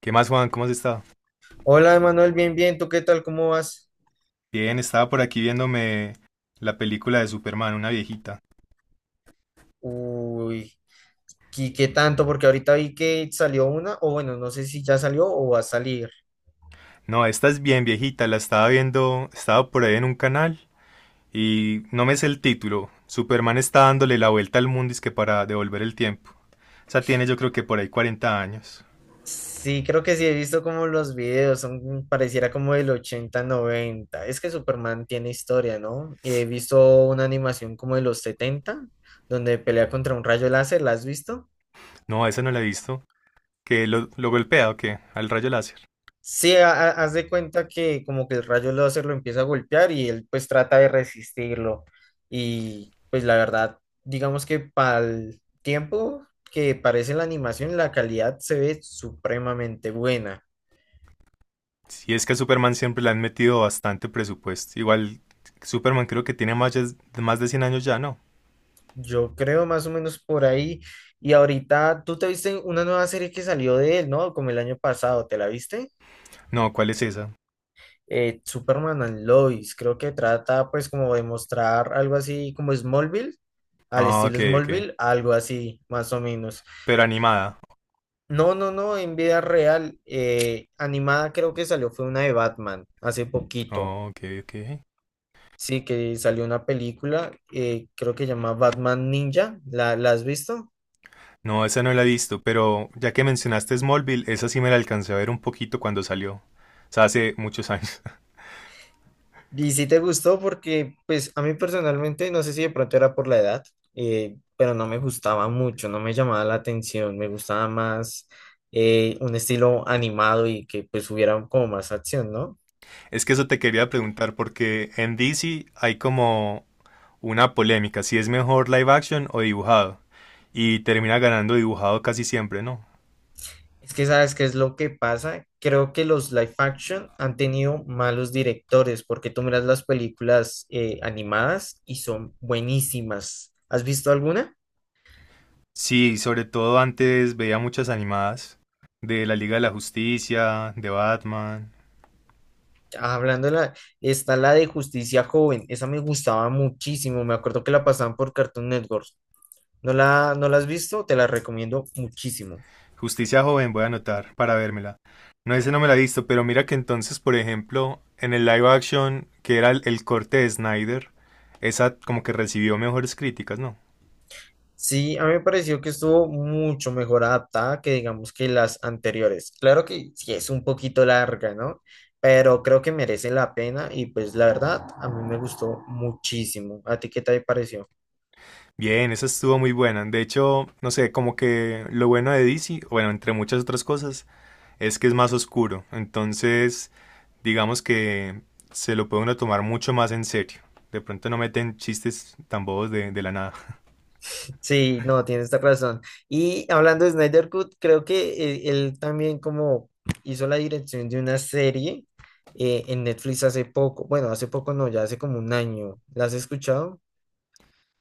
¿Qué más, Juan? ¿Cómo has estado? Hola, Emanuel, bien, bien, ¿tú qué tal? ¿Cómo vas? Bien, estaba por aquí viéndome la película de Superman, una viejita. Uy, ¿y qué tanto? Porque ahorita vi que salió una, o bueno, no sé si ya salió o va a salir. No, esta es bien viejita, la estaba viendo, estaba por ahí en un canal y no me sé el título. Superman está dándole la vuelta al mundo es que para devolver el tiempo. O sea, tiene yo creo que por ahí 40 años. Sí, creo que sí, he visto como los videos, son, pareciera como del ochenta noventa. Es que Superman tiene historia, ¿no? He visto una animación como de los 70 donde pelea contra un rayo láser, ¿la has visto? No, esa no la he visto. ¿Que lo golpea o qué? Al rayo láser. Sí, haz de cuenta que como que el rayo láser lo empieza a golpear y él pues trata de resistirlo. Y pues la verdad, digamos que para el tiempo que parece la animación, la calidad se ve supremamente buena. Si es que a Superman siempre le han metido bastante presupuesto. Igual Superman creo que tiene más, más de 100 años ya, ¿no? Yo creo más o menos por ahí. Y ahorita, tú te viste una nueva serie que salió de él, ¿no? Como el año pasado, ¿te la viste? No, ¿cuál es esa? Superman and Lois, creo que trata pues como de mostrar algo así como Smallville, al Ah, ok, estilo ok. Smallville, algo así más o menos. Pero animada. No, no, no, en vida real, animada creo que salió fue una de Batman hace poquito. Oh, ok, ok. Sí, que salió una película, creo que se llama Batman Ninja, ¿la has visto? No, esa no la he visto, pero ya que mencionaste Smallville, esa sí me la alcancé a ver un poquito cuando salió. O sea, hace muchos años. Y si te gustó porque, pues, a mí personalmente, no sé si de pronto era por la edad, pero no me gustaba mucho, no me llamaba la atención, me gustaba más un estilo animado y que pues hubiera como más acción, ¿no? Es que eso te quería preguntar, porque en DC hay como una polémica, si es mejor live action o dibujado. Y termina ganando dibujado casi siempre, ¿no? Es que sabes qué es lo que pasa, creo que los live action han tenido malos directores porque tú miras las películas animadas y son buenísimas. ¿Has visto alguna? Sí, sobre todo antes veía muchas animadas de la Liga de la Justicia, de Batman. Hablando de la, está la de Justicia Joven, esa me gustaba muchísimo, me acuerdo que la pasaban por Cartoon Network. ¿No la has visto? Te la recomiendo muchísimo. Justicia joven, voy a anotar para vérmela. No, ese no me la he visto, pero mira que entonces, por ejemplo, en el live action, que era el corte de Snyder, esa como que recibió mejores críticas, ¿no? Sí, a mí me pareció que estuvo mucho mejor adaptada que digamos que las anteriores. Claro que sí es un poquito larga, ¿no? Pero creo que merece la pena y pues la verdad a mí me gustó muchísimo. ¿A ti qué te pareció? Bien, esa estuvo muy buena. De hecho, no sé, como que lo bueno de DC, bueno, entre muchas otras cosas, es que es más oscuro. Entonces, digamos que se lo puede uno tomar mucho más en serio. De pronto no meten chistes tan bobos de la nada. Sí, no, tienes esta razón. Y hablando de Snyder Cut, creo que él también como hizo la dirección de una serie en Netflix hace poco. Bueno, hace poco no, ya hace como un año. ¿La has escuchado?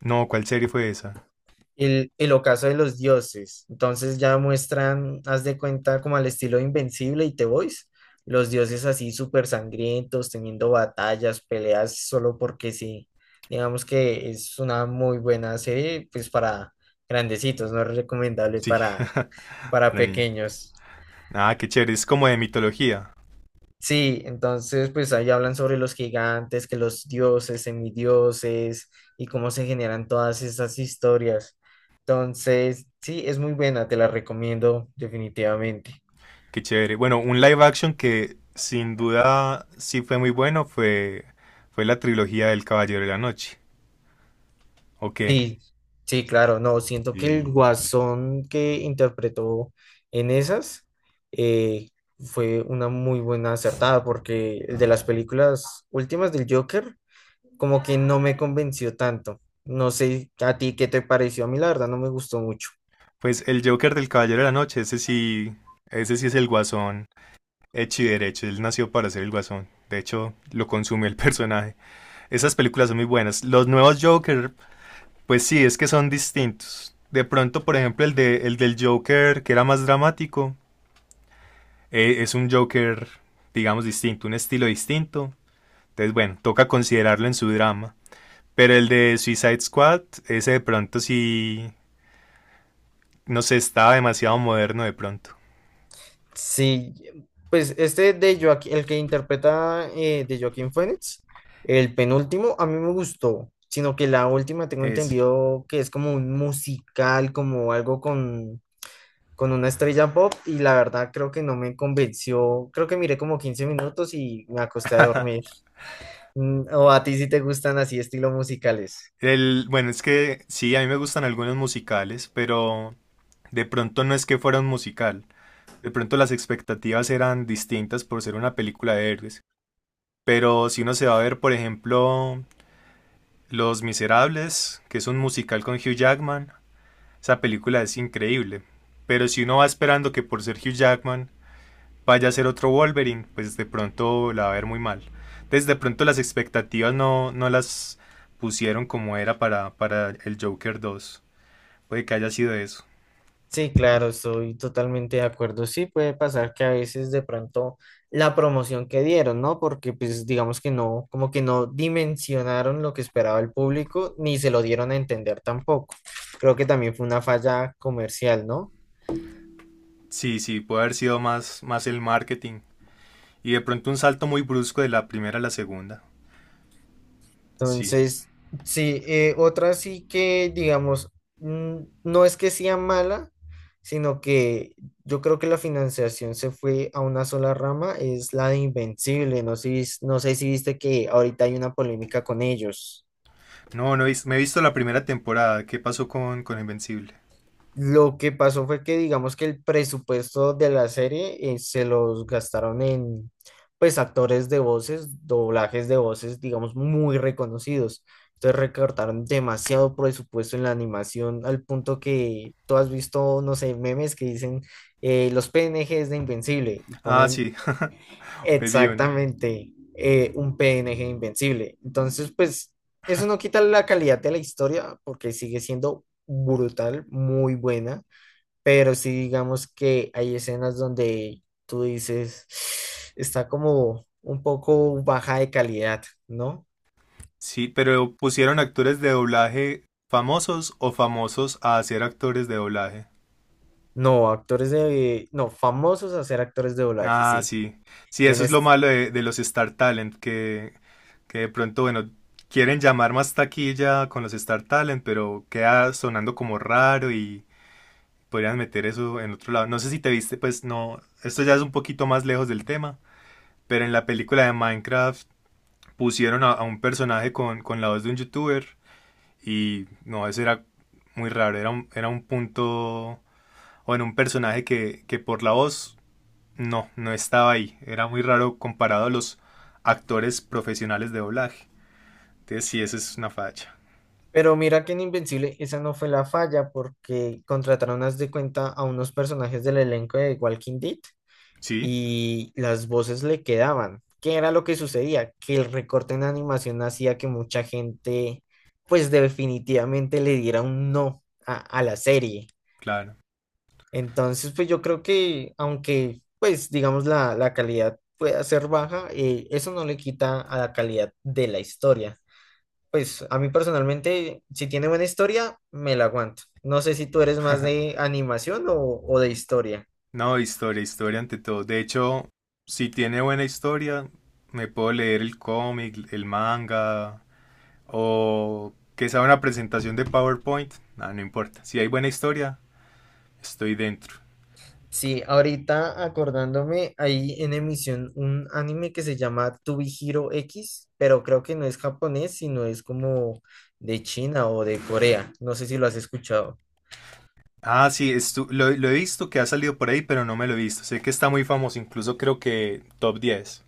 No, ¿cuál serie fue esa? El ocaso de los dioses. Entonces ya muestran, haz de cuenta, como al estilo Invencible y The Boys, los dioses así súper sangrientos, teniendo batallas, peleas, solo porque sí. Digamos que es una muy buena serie, pues para grandecitos, no es recomendable Sí, para para mí. pequeños. Ah, qué chévere, es como de mitología. Sí, entonces pues ahí hablan sobre los gigantes, que los dioses, semidioses y cómo se generan todas esas historias. Entonces, sí, es muy buena, te la recomiendo definitivamente. Qué chévere. Bueno, un live action que sin duda sí fue muy bueno fue, fue la trilogía del Caballero de la Noche. ¿O qué? Sí, sí, claro, no, siento que el Sí. guasón que interpretó en esas eh, fue una muy buena acertada porque el de las películas últimas del Joker como que no me convenció tanto. No sé a ti qué te pareció, a mí la verdad no me gustó mucho. Pues el Joker del Caballero de la Noche, ese sí es el Guasón hecho y derecho. Él nació para ser el Guasón. De hecho, lo consume el personaje. Esas películas son muy buenas. Los nuevos Joker, pues sí, es que son distintos. De pronto, por ejemplo, el del Joker, que era más dramático, es un Joker, digamos, distinto, un estilo distinto. Entonces, bueno, toca considerarlo en su drama. Pero el de Suicide Squad, ese de pronto sí, no sé, estaba demasiado moderno de pronto. Sí, pues este de Joaquín, el que interpreta de Joaquín Phoenix, el penúltimo, a mí me gustó, sino que la última tengo Ese. entendido que es como un musical, como algo con una estrella pop, y la verdad creo que no me convenció. Creo que miré como 15 minutos y me acosté a dormir. ¿O a ti sí te gustan así estilos musicales? El, bueno, es que sí, a mí me gustan algunos musicales, pero de pronto no es que fuera un musical. De pronto las expectativas eran distintas por ser una película de héroes. Pero si uno se va a ver, por ejemplo, Los Miserables, que es un musical con Hugh Jackman, esa película es increíble. Pero si uno va esperando que por ser Hugh Jackman vaya a ser otro Wolverine, pues de pronto la va a ver muy mal. Entonces de pronto las expectativas no, no las pusieron como era para el Joker dos. Puede que haya sido eso. Sí, claro, estoy totalmente de acuerdo. Sí, puede pasar que a veces de pronto la promoción que dieron, ¿no? Porque pues digamos que no, como que no dimensionaron lo que esperaba el público, ni se lo dieron a entender tampoco. Creo que también fue una falla comercial, ¿no? Sí, sí, puede haber sido más, más el marketing. Y de pronto un salto muy brusco de la primera a la segunda. Sí. Entonces, sí, otra sí que, digamos, mm, no es que sea mala, sino que yo creo que la financiación se fue a una sola rama, es la de Invencible. No sé, no sé si viste que ahorita hay una polémica con ellos. No, no me he visto la primera temporada. ¿Qué pasó con Invencible? Lo que pasó fue que digamos que el presupuesto de la serie se los gastaron en pues actores de voces, doblajes de voces, digamos, muy reconocidos. Entonces recortaron demasiado presupuesto en la animación al punto que tú has visto, no sé, memes que dicen los PNGs de Invencible y Ah, ponen sí, es vivo, ¿no? exactamente un PNG de Invencible. Entonces, pues eso no quita la calidad de la historia porque sigue siendo brutal, muy buena, pero sí digamos que hay escenas donde tú dices, está como un poco baja de calidad, ¿no? Sí, pero pusieron actores de doblaje famosos o famosos a hacer actores de doblaje. No, actores de, no, famosos a ser actores de doblaje, Ah, sí, sí. Sí, eso es tienes, lo malo de los Star Talent, que de pronto, bueno, quieren llamar más taquilla con los Star Talent, pero queda sonando como raro y podrían meter eso en otro lado. No sé si te viste, pues no, esto ya es un poquito más lejos del tema, pero en la película de Minecraft pusieron a un personaje con la voz de un youtuber. Y no, eso era muy raro, era era un punto, bueno, un personaje que por la voz no, no estaba ahí, era muy raro comparado a los actores profesionales de doblaje. Entonces sí, esa es una facha. pero mira que en Invencible esa no fue la falla porque contrataron, haz de cuenta, a unos personajes del elenco de Walking Dead Sí, y las voces le quedaban. ¿Qué era lo que sucedía? Que el recorte en animación hacía que mucha gente, pues definitivamente le diera un no a, a la serie. claro. Entonces, pues yo creo que aunque, pues digamos, la calidad pueda ser baja, eso no le quita a la calidad de la historia. Pues a mí personalmente, si tiene buena historia, me la aguanto. No sé si tú eres más de animación o de historia. No, historia, historia ante todo. De hecho, si tiene buena historia, me puedo leer el cómic, el manga, o que sea una presentación de PowerPoint, nada no importa. Si hay buena historia, estoy dentro. Sí, ahorita acordándome, hay en emisión un anime que se llama To Be Hero X, pero creo que no es japonés, sino es como de China o de Corea. No sé si lo has escuchado. Ah, sí, lo he visto que ha salido por ahí, pero no me lo he visto. Sé que está muy famoso, incluso creo que top 10.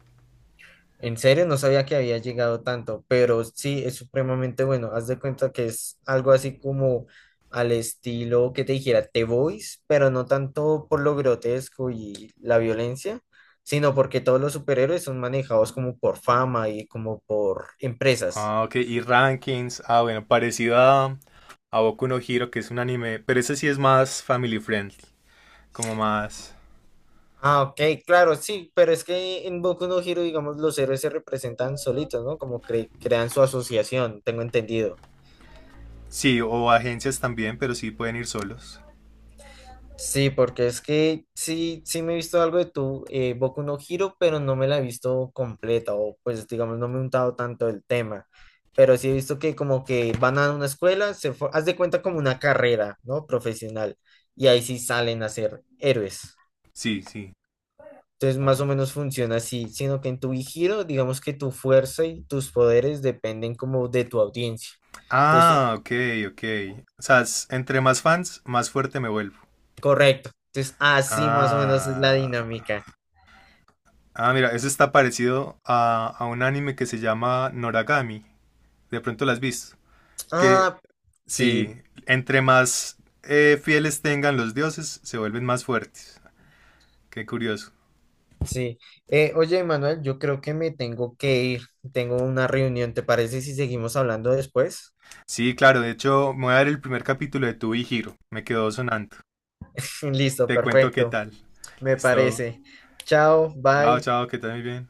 En serio, no sabía que había llegado tanto, pero sí, es supremamente bueno. Haz de cuenta que es algo así como al estilo que te dijera The Boys, pero no tanto por lo grotesco y la violencia, sino porque todos los superhéroes son manejados como por fama y como por empresas. Ah, ok, y rankings. Ah, bueno, parecido a Boku no Hero, que es un anime, pero ese sí es más family friendly, como más... Ah, ok, claro, sí, pero es que en Boku no Hero, digamos, los héroes se representan solitos, ¿no? Como crean su asociación, tengo entendido. Sí, o agencias también, pero sí pueden ir solos. Sí, porque es que sí, sí me he visto algo de tu Boku no Hero, pero no me la he visto completa, o pues digamos, no me he untado tanto el tema. Pero sí he visto que como que van a una escuela, haz de cuenta como una carrera, ¿no? Profesional, y ahí sí salen a ser héroes. Sí, sí. Entonces, más o Ah, menos funciona así, sino que en tu giro digamos que tu fuerza y tus poderes dependen como de tu audiencia. Entonces, ah, ok, ok. O sea, es- entre más fans, más fuerte me vuelvo. correcto. Entonces, así más o menos es la Ah, dinámica. ah, mira, eso está parecido a un anime que se llama Noragami. De pronto las has visto, que Ah, sí, sí, entre más fieles tengan los dioses, se vuelven más fuertes. Qué curioso. sí. Oye, Manuel, yo creo que me tengo que ir. Tengo una reunión, ¿te parece si seguimos hablando después? Sí, claro, de hecho, me voy a dar el primer capítulo de Tu y Giro. Me quedó sonando. Listo, Te cuento qué perfecto. tal. Me Listo. parece. Chao, Chao, bye. chao, que tal muy bien.